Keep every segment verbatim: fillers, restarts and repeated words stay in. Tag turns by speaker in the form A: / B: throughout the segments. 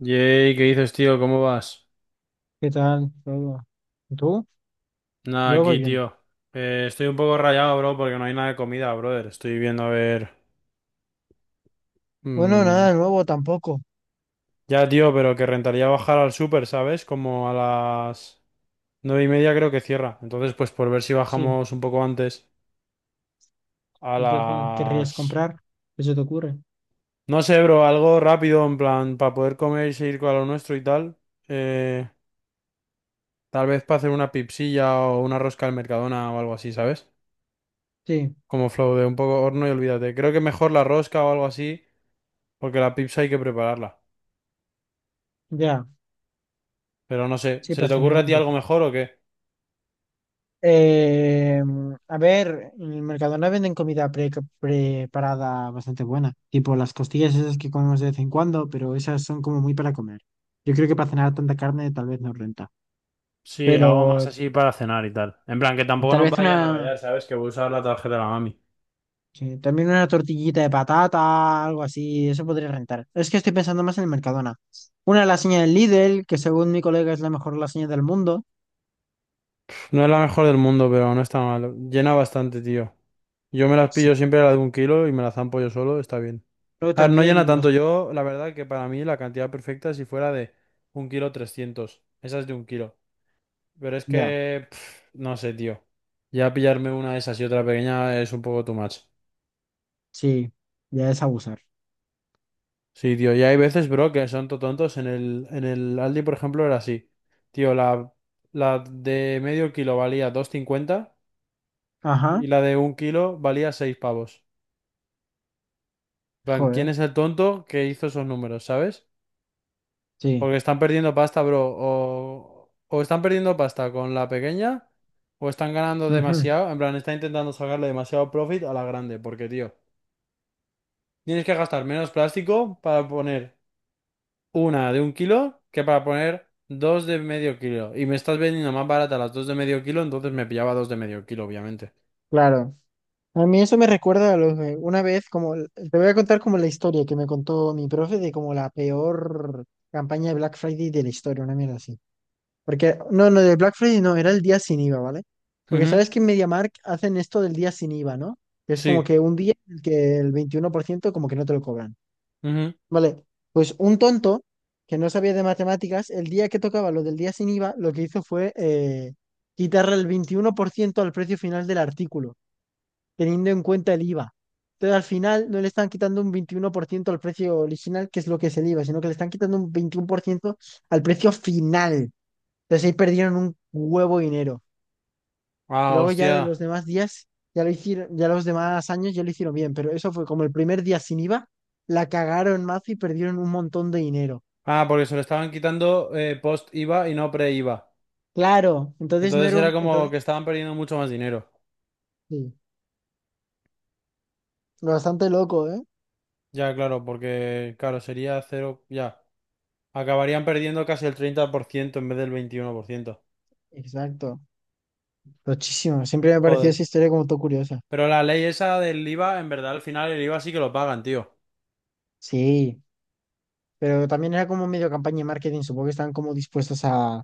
A: Yey, ¿qué dices, tío? ¿Cómo vas?
B: ¿Qué tal todo? ¿Y tú?
A: Nada,
B: Yo voy
A: aquí,
B: bien.
A: tío. Eh, estoy un poco rayado, bro, porque no hay nada de comida, brother. Estoy viendo a ver.
B: Bueno,
A: mm,
B: nada nuevo tampoco.
A: Ya, tío, pero que rentaría bajar al súper, ¿sabes? Como a las nueve y media creo que cierra. Entonces, pues por ver si
B: Sí.
A: bajamos un poco antes. A
B: ¿Y qué co- querrías
A: las.
B: comprar? ¿Qué se te ocurre?
A: No sé, bro, algo rápido, en plan, para poder comer y seguir con lo nuestro y tal. Eh, Tal vez para hacer una pipsilla o una rosca al Mercadona o algo así, ¿sabes?
B: Sí,
A: Como flow de un poco horno y olvídate. Creo que mejor la rosca o algo así, porque la pizza hay que prepararla.
B: ya.
A: Pero no sé,
B: Sí,
A: ¿se
B: para
A: te ocurre
B: cenar
A: a
B: un
A: ti algo
B: poquito.
A: mejor o qué?
B: Eh, a ver, en el Mercadona venden comida pre- preparada bastante buena. Tipo las costillas esas que comemos de vez en cuando, pero esas son como muy para comer. Yo creo que para cenar tanta carne tal vez no renta.
A: Sí, algo
B: Pero
A: más así para cenar y tal. En plan, que tampoco
B: tal
A: nos
B: vez
A: vayan a
B: una.
A: rayar, ¿sabes? Que voy a usar la tarjeta de la mami.
B: Sí, también una tortillita de patata, algo así, eso podría rentar. Es que estoy pensando más en el Mercadona. Una lasaña del Lidl, que según mi colega es la mejor lasaña del mundo.
A: No es la mejor del mundo, pero no está mal. Llena bastante, tío. Yo me las
B: Sí.
A: pillo siempre la de un kilo y me las zampo yo solo, está bien.
B: Pero
A: A ver, no llena
B: también
A: tanto.
B: los...
A: Yo, la verdad que para mí la cantidad perfecta si fuera de un kilo trescientos. Esa es de un kilo. Pero es
B: Ya,
A: que, pf, no sé, tío. Ya pillarme una de esas y otra pequeña es un poco too much.
B: sí, ya es abusar.
A: Sí, tío. Y hay veces, bro, que son to- tontos. En el, en el Aldi, por ejemplo, era así. Tío, la, la de medio kilo valía dos cincuenta y
B: Ajá,
A: la de un kilo valía seis pavos. En plan, ¿quién
B: joder,
A: es el tonto que hizo esos números, sabes?
B: sí.
A: Porque están perdiendo pasta, bro. O, o están perdiendo pasta con la pequeña o están ganando
B: Ujú.
A: demasiado. En plan, están intentando sacarle demasiado profit a la grande. Porque, tío. Tienes que gastar menos plástico para poner una de un kilo que para poner dos de medio kilo. Y me estás vendiendo más barata las dos de medio kilo, entonces me pillaba dos de medio kilo, obviamente.
B: Claro. A mí eso me recuerda a lo de una vez, como te voy a contar como la historia que me contó mi profe, de como la peor campaña de Black Friday de la historia, una mierda así. Porque no, no, de Black Friday no, era el día sin I V A, ¿vale? Porque
A: Ujú,
B: sabes que en MediaMarkt hacen esto del día sin I V A, ¿no? Que es como
A: sí.
B: que un día en el que el veintiuno por ciento como que no te lo cobran.
A: Ujú.
B: Vale, pues un tonto que no sabía de matemáticas, el día que tocaba lo del día sin I V A, lo que hizo fue eh, quitarle el veintiuno por ciento al precio final del artículo, teniendo en cuenta el I V A. Entonces al final no le están quitando un veintiuno por ciento al precio original, que es lo que es el I V A, sino que le están quitando un veintiuno por ciento al precio final. Entonces ahí perdieron un huevo de dinero. Y
A: Ah,
B: luego ya de los
A: hostia.
B: demás días, ya lo hicieron, ya los demás años ya lo hicieron bien, pero eso fue como el primer día sin I V A, la cagaron más y perdieron un montón de dinero.
A: Ah, porque se lo estaban quitando eh, post I V A y no pre I V A.
B: Claro, entonces no
A: Entonces
B: era
A: era
B: un,
A: como
B: entonces,
A: que estaban perdiendo mucho más dinero.
B: sí, bastante loco, ¿eh?
A: Ya, claro, porque, claro, sería cero. Ya. Acabarían perdiendo casi el treinta por ciento en vez del veintiuno por ciento.
B: Exacto, muchísimo. Siempre me ha parecido
A: Joder.
B: esa historia como todo curiosa.
A: Pero la ley esa del I V A, en verdad, al final el I V A sí que lo pagan, tío.
B: Sí, pero también era como medio campaña de marketing, supongo que estaban como dispuestos a,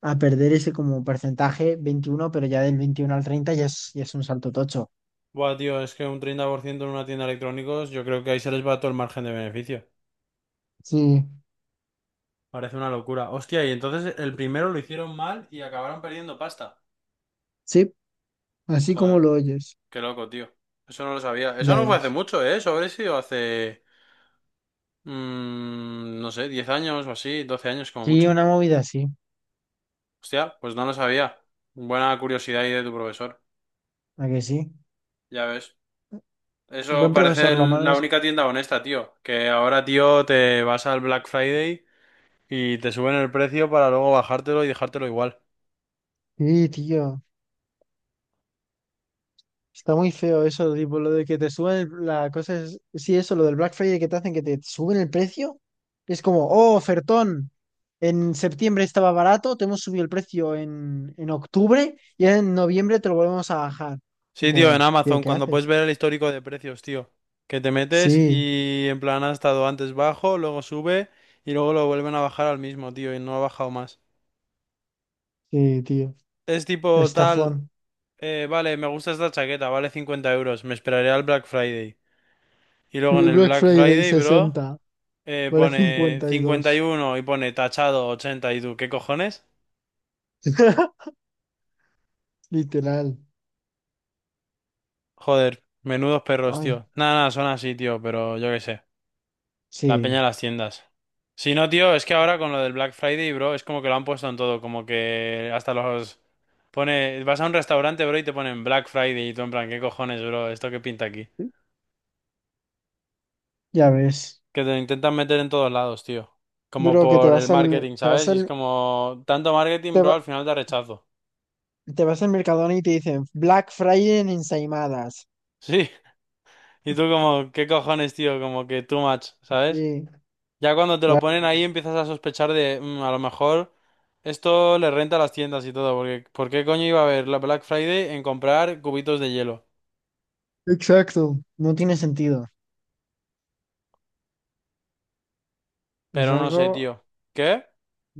B: a perder ese como porcentaje veintiuno, pero ya del veintiuno al treinta ya es, ya es un salto tocho.
A: Buah, tío, es que un treinta por ciento en una tienda de electrónicos, yo creo que ahí se les va todo el margen de beneficio.
B: Sí.
A: Parece una locura. Hostia, y entonces el primero lo hicieron mal y acabaron perdiendo pasta.
B: Sí, así como
A: Joder,
B: lo oyes,
A: qué loco, tío. Eso no lo sabía. Eso
B: ya
A: no fue hace
B: ves.
A: mucho, ¿eh? Eso habrá sido hace... mm, no sé, diez años o así, doce años como
B: Sí,
A: mucho.
B: una movida así,
A: Hostia, pues no lo sabía. Buena curiosidad ahí de tu profesor.
B: ¿a que sí?
A: Ya ves.
B: Un
A: Eso
B: buen
A: parece
B: profesor, lo
A: el-
B: malo
A: la
B: es...
A: única tienda honesta, tío. Que ahora, tío, te vas al Black Friday. Y te suben el precio para luego bajártelo y dejártelo igual.
B: Sí, tío, está muy feo eso, tipo, lo de que te suben el- la cosa es... Sí, eso, lo del Black Friday que te hacen que te suben el precio. Es como, oh, ofertón, en septiembre estaba barato, te hemos subido el precio en, en octubre y en noviembre te lo volvemos a bajar. Y
A: Sí, tío, en
B: como, tío,
A: Amazon,
B: ¿qué
A: cuando puedes
B: haces?
A: ver el histórico de precios, tío. Que te metes
B: Sí,
A: y en plan ha estado antes bajo, luego sube y luego lo vuelven a bajar al mismo, tío, y no ha bajado más.
B: sí, tío,
A: Es tipo tal,
B: estafón.
A: eh, vale, me gusta esta chaqueta, vale cincuenta euros, me esperaré al Black Friday. Y luego en
B: Mi
A: el
B: Black
A: Black
B: Friday
A: Friday, bro,
B: sesenta
A: eh,
B: vale
A: pone
B: cincuenta y dos
A: cincuenta y uno y uno y pone tachado ochenta y tú, ¿qué cojones?
B: literal.
A: Joder, menudos perros,
B: Ay,
A: tío. Nada, nada, son así, tío, pero yo qué sé. La peña
B: sí,
A: de las tiendas. Si no, tío, es que ahora con lo del Black Friday, bro, es como que lo han puesto en todo, como que hasta los... Pone, vas a un restaurante, bro, y te ponen Black Friday y tú en plan, ¿qué cojones, bro? ¿Esto qué pinta aquí?
B: ya ves.
A: Que te lo intentan meter en todos lados, tío. Como
B: Bro, que te
A: por el
B: vas al,
A: marketing,
B: te vas
A: ¿sabes? Y es
B: al,
A: como, tanto marketing,
B: te
A: bro, al
B: va-
A: final da rechazo.
B: te vas al Mercadona y te dicen Black Friday en ensaimadas.
A: Sí. Y tú como, ¿qué cojones, tío? Como que too much, ¿sabes?
B: Sí,
A: Ya cuando te lo
B: claro.
A: ponen ahí empiezas a sospechar de, "Mm, a lo mejor esto le renta a las tiendas y todo, porque ¿por qué coño iba a haber la Black Friday en comprar cubitos de hielo?"
B: Exacto. No tiene sentido. Es
A: Pero no sé,
B: algo,
A: tío. ¿Qué?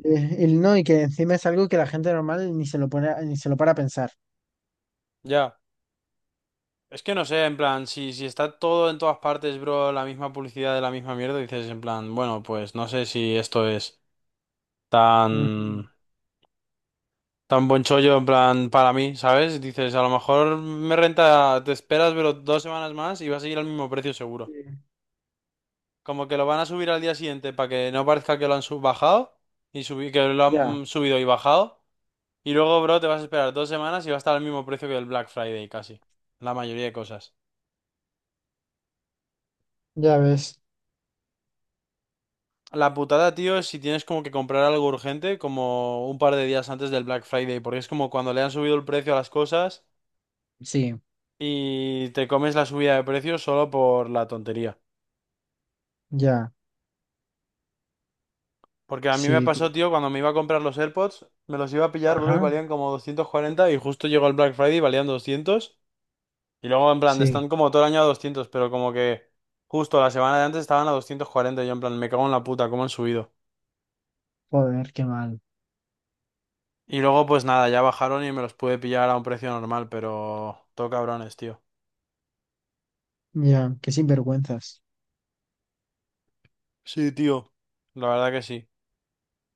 B: eh, el no, y que encima es algo que la gente normal ni se lo pone, ni se lo para a pensar.
A: Ya. Es que no sé, en plan, si, si está todo en todas partes, bro, la misma publicidad de la misma mierda, dices en plan, bueno, pues no sé si esto es
B: Ujú.
A: tan, tan buen chollo en plan para mí, ¿sabes? Dices, a lo mejor me renta, te esperas, pero dos semanas más y va a seguir al mismo precio
B: Sí.
A: seguro. Como que lo van a subir al día siguiente para que no parezca que lo han sub bajado y subi- que lo
B: Ya,
A: han subido y bajado. Y luego, bro, te vas a esperar dos semanas y va a estar al mismo precio que el Black Friday casi. La mayoría de cosas.
B: ya ves.
A: La putada, tío, es si tienes como que comprar algo urgente como un par de días antes del Black Friday, porque es como cuando le han subido el precio a las cosas
B: Sí,
A: y te comes la subida de precio solo por la tontería.
B: ya,
A: Porque a mí me
B: sí,
A: pasó,
B: tío.
A: tío, cuando me iba a comprar los AirPods, me los iba a pillar, bro, y
B: Ajá,
A: valían como doscientos cuarenta y justo llegó el Black Friday y valían doscientos. Y luego, en plan, están
B: sí.
A: como todo el año a doscientos pero como que justo la semana de antes estaban a doscientos cuarenta. Y yo, en plan, me cago en la puta, cómo han subido.
B: Joder, qué mal.
A: Y luego, pues nada, ya bajaron y me los pude pillar a un precio normal, pero todo cabrones, tío.
B: Ya, qué sinvergüenzas.
A: Sí, tío. La verdad que sí.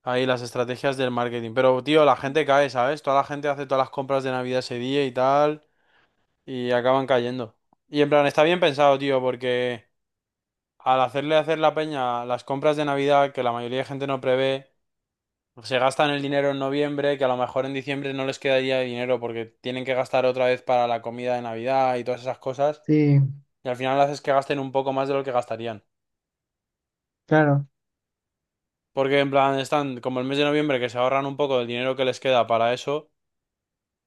A: Ahí las estrategias del marketing. Pero, tío, la gente cae, ¿sabes? Toda la gente hace todas las compras de Navidad ese día y tal, y acaban cayendo. Y en plan, está bien pensado, tío, porque al hacerle hacer la peña las compras de Navidad, que la mayoría de gente no prevé, se gastan el dinero en noviembre, que a lo mejor en diciembre no les quedaría dinero porque tienen que gastar otra vez para la comida de Navidad y todas esas cosas.
B: Sí,
A: Y al final haces que gasten un poco más de lo que gastarían.
B: claro.
A: Porque en plan están como el mes de noviembre que se ahorran un poco del dinero que les queda para eso.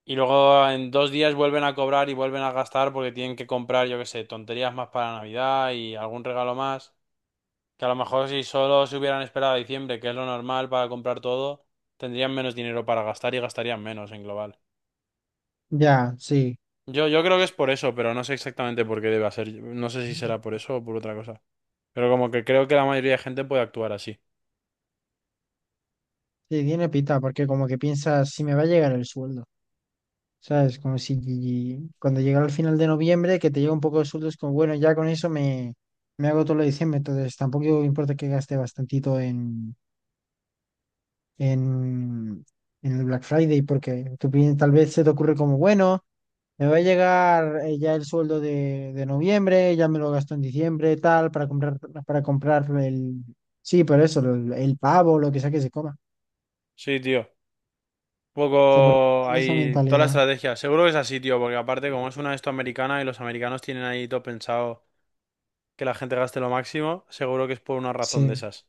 A: Y luego en dos días vuelven a cobrar y vuelven a gastar porque tienen que comprar, yo qué sé, tonterías más para Navidad y algún regalo más. Que a lo mejor si solo se hubieran esperado a diciembre, que es lo normal para comprar todo, tendrían menos dinero para gastar y gastarían menos en global.
B: Ya, sí.
A: Yo, yo creo que es por eso, pero no sé exactamente por qué debe ser. No sé si será por eso o por otra cosa. Pero como que creo que la mayoría de gente puede actuar así.
B: Sí, tiene pita, porque como que piensas, si me va a llegar el sueldo, ¿sabes? Como si cuando llegara al final de noviembre, que te llega un poco de sueldo, es como, bueno, ya con eso me, me hago todo lo de diciembre, entonces tampoco importa que gaste bastantito en, en, en el Black Friday, porque tú pi- tal vez se te ocurre como, bueno, me va a llegar eh, ya el sueldo de, de noviembre, ya me lo gasto en diciembre, tal, para comprar, para comprar el, sí, por eso, el, el pavo, lo que sea que se coma.
A: Sí, tío.
B: Se
A: Poco
B: aprovechan de esa
A: ahí, toda la
B: mentalidad.
A: estrategia. Seguro que es así, tío, porque aparte como es una de esto americana y los americanos tienen ahí todo pensado que la gente gaste lo máximo, seguro que es por una razón de
B: Sí,
A: esas.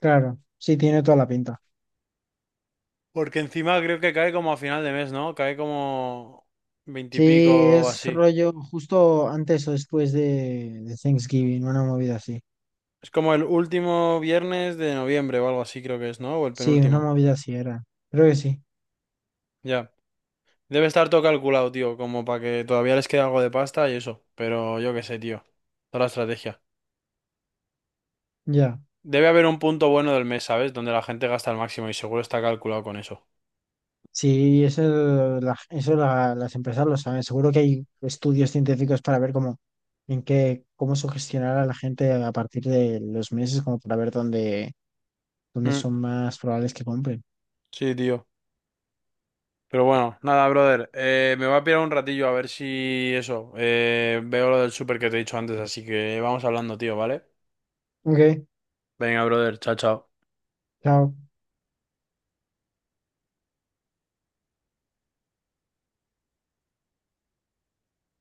B: claro. Sí, tiene toda la pinta.
A: Porque encima creo que cae como a final de mes, ¿no? Cae como
B: Sí,
A: veintipico o
B: es
A: así.
B: rollo justo antes o después de, de Thanksgiving, una movida así.
A: Es como el último viernes de noviembre o algo así creo que es, ¿no? O el
B: Sí, una
A: penúltimo.
B: movida así era. Creo que sí.
A: Ya. Debe estar todo calculado, tío, como para que todavía les quede algo de pasta y eso. Pero yo qué sé, tío. Toda la estrategia.
B: Ya.
A: Debe haber un punto bueno del mes, ¿sabes? Donde la gente gasta el máximo y seguro está calculado con eso.
B: Sí, eso, la- eso la- las empresas lo saben. Seguro que hay estudios científicos para ver cómo, en qué, cómo sugestionar a la gente a partir de los meses, como para ver dónde, dónde
A: Mm,
B: son más probables que compren.
A: sí, tío. Pero bueno, nada, brother. Eh, me voy a pirar un ratillo a ver si eso. Eh, veo lo del súper que te he dicho antes, así que vamos hablando, tío, ¿vale?
B: Ok,
A: Venga, brother. Chao, chao.
B: chao.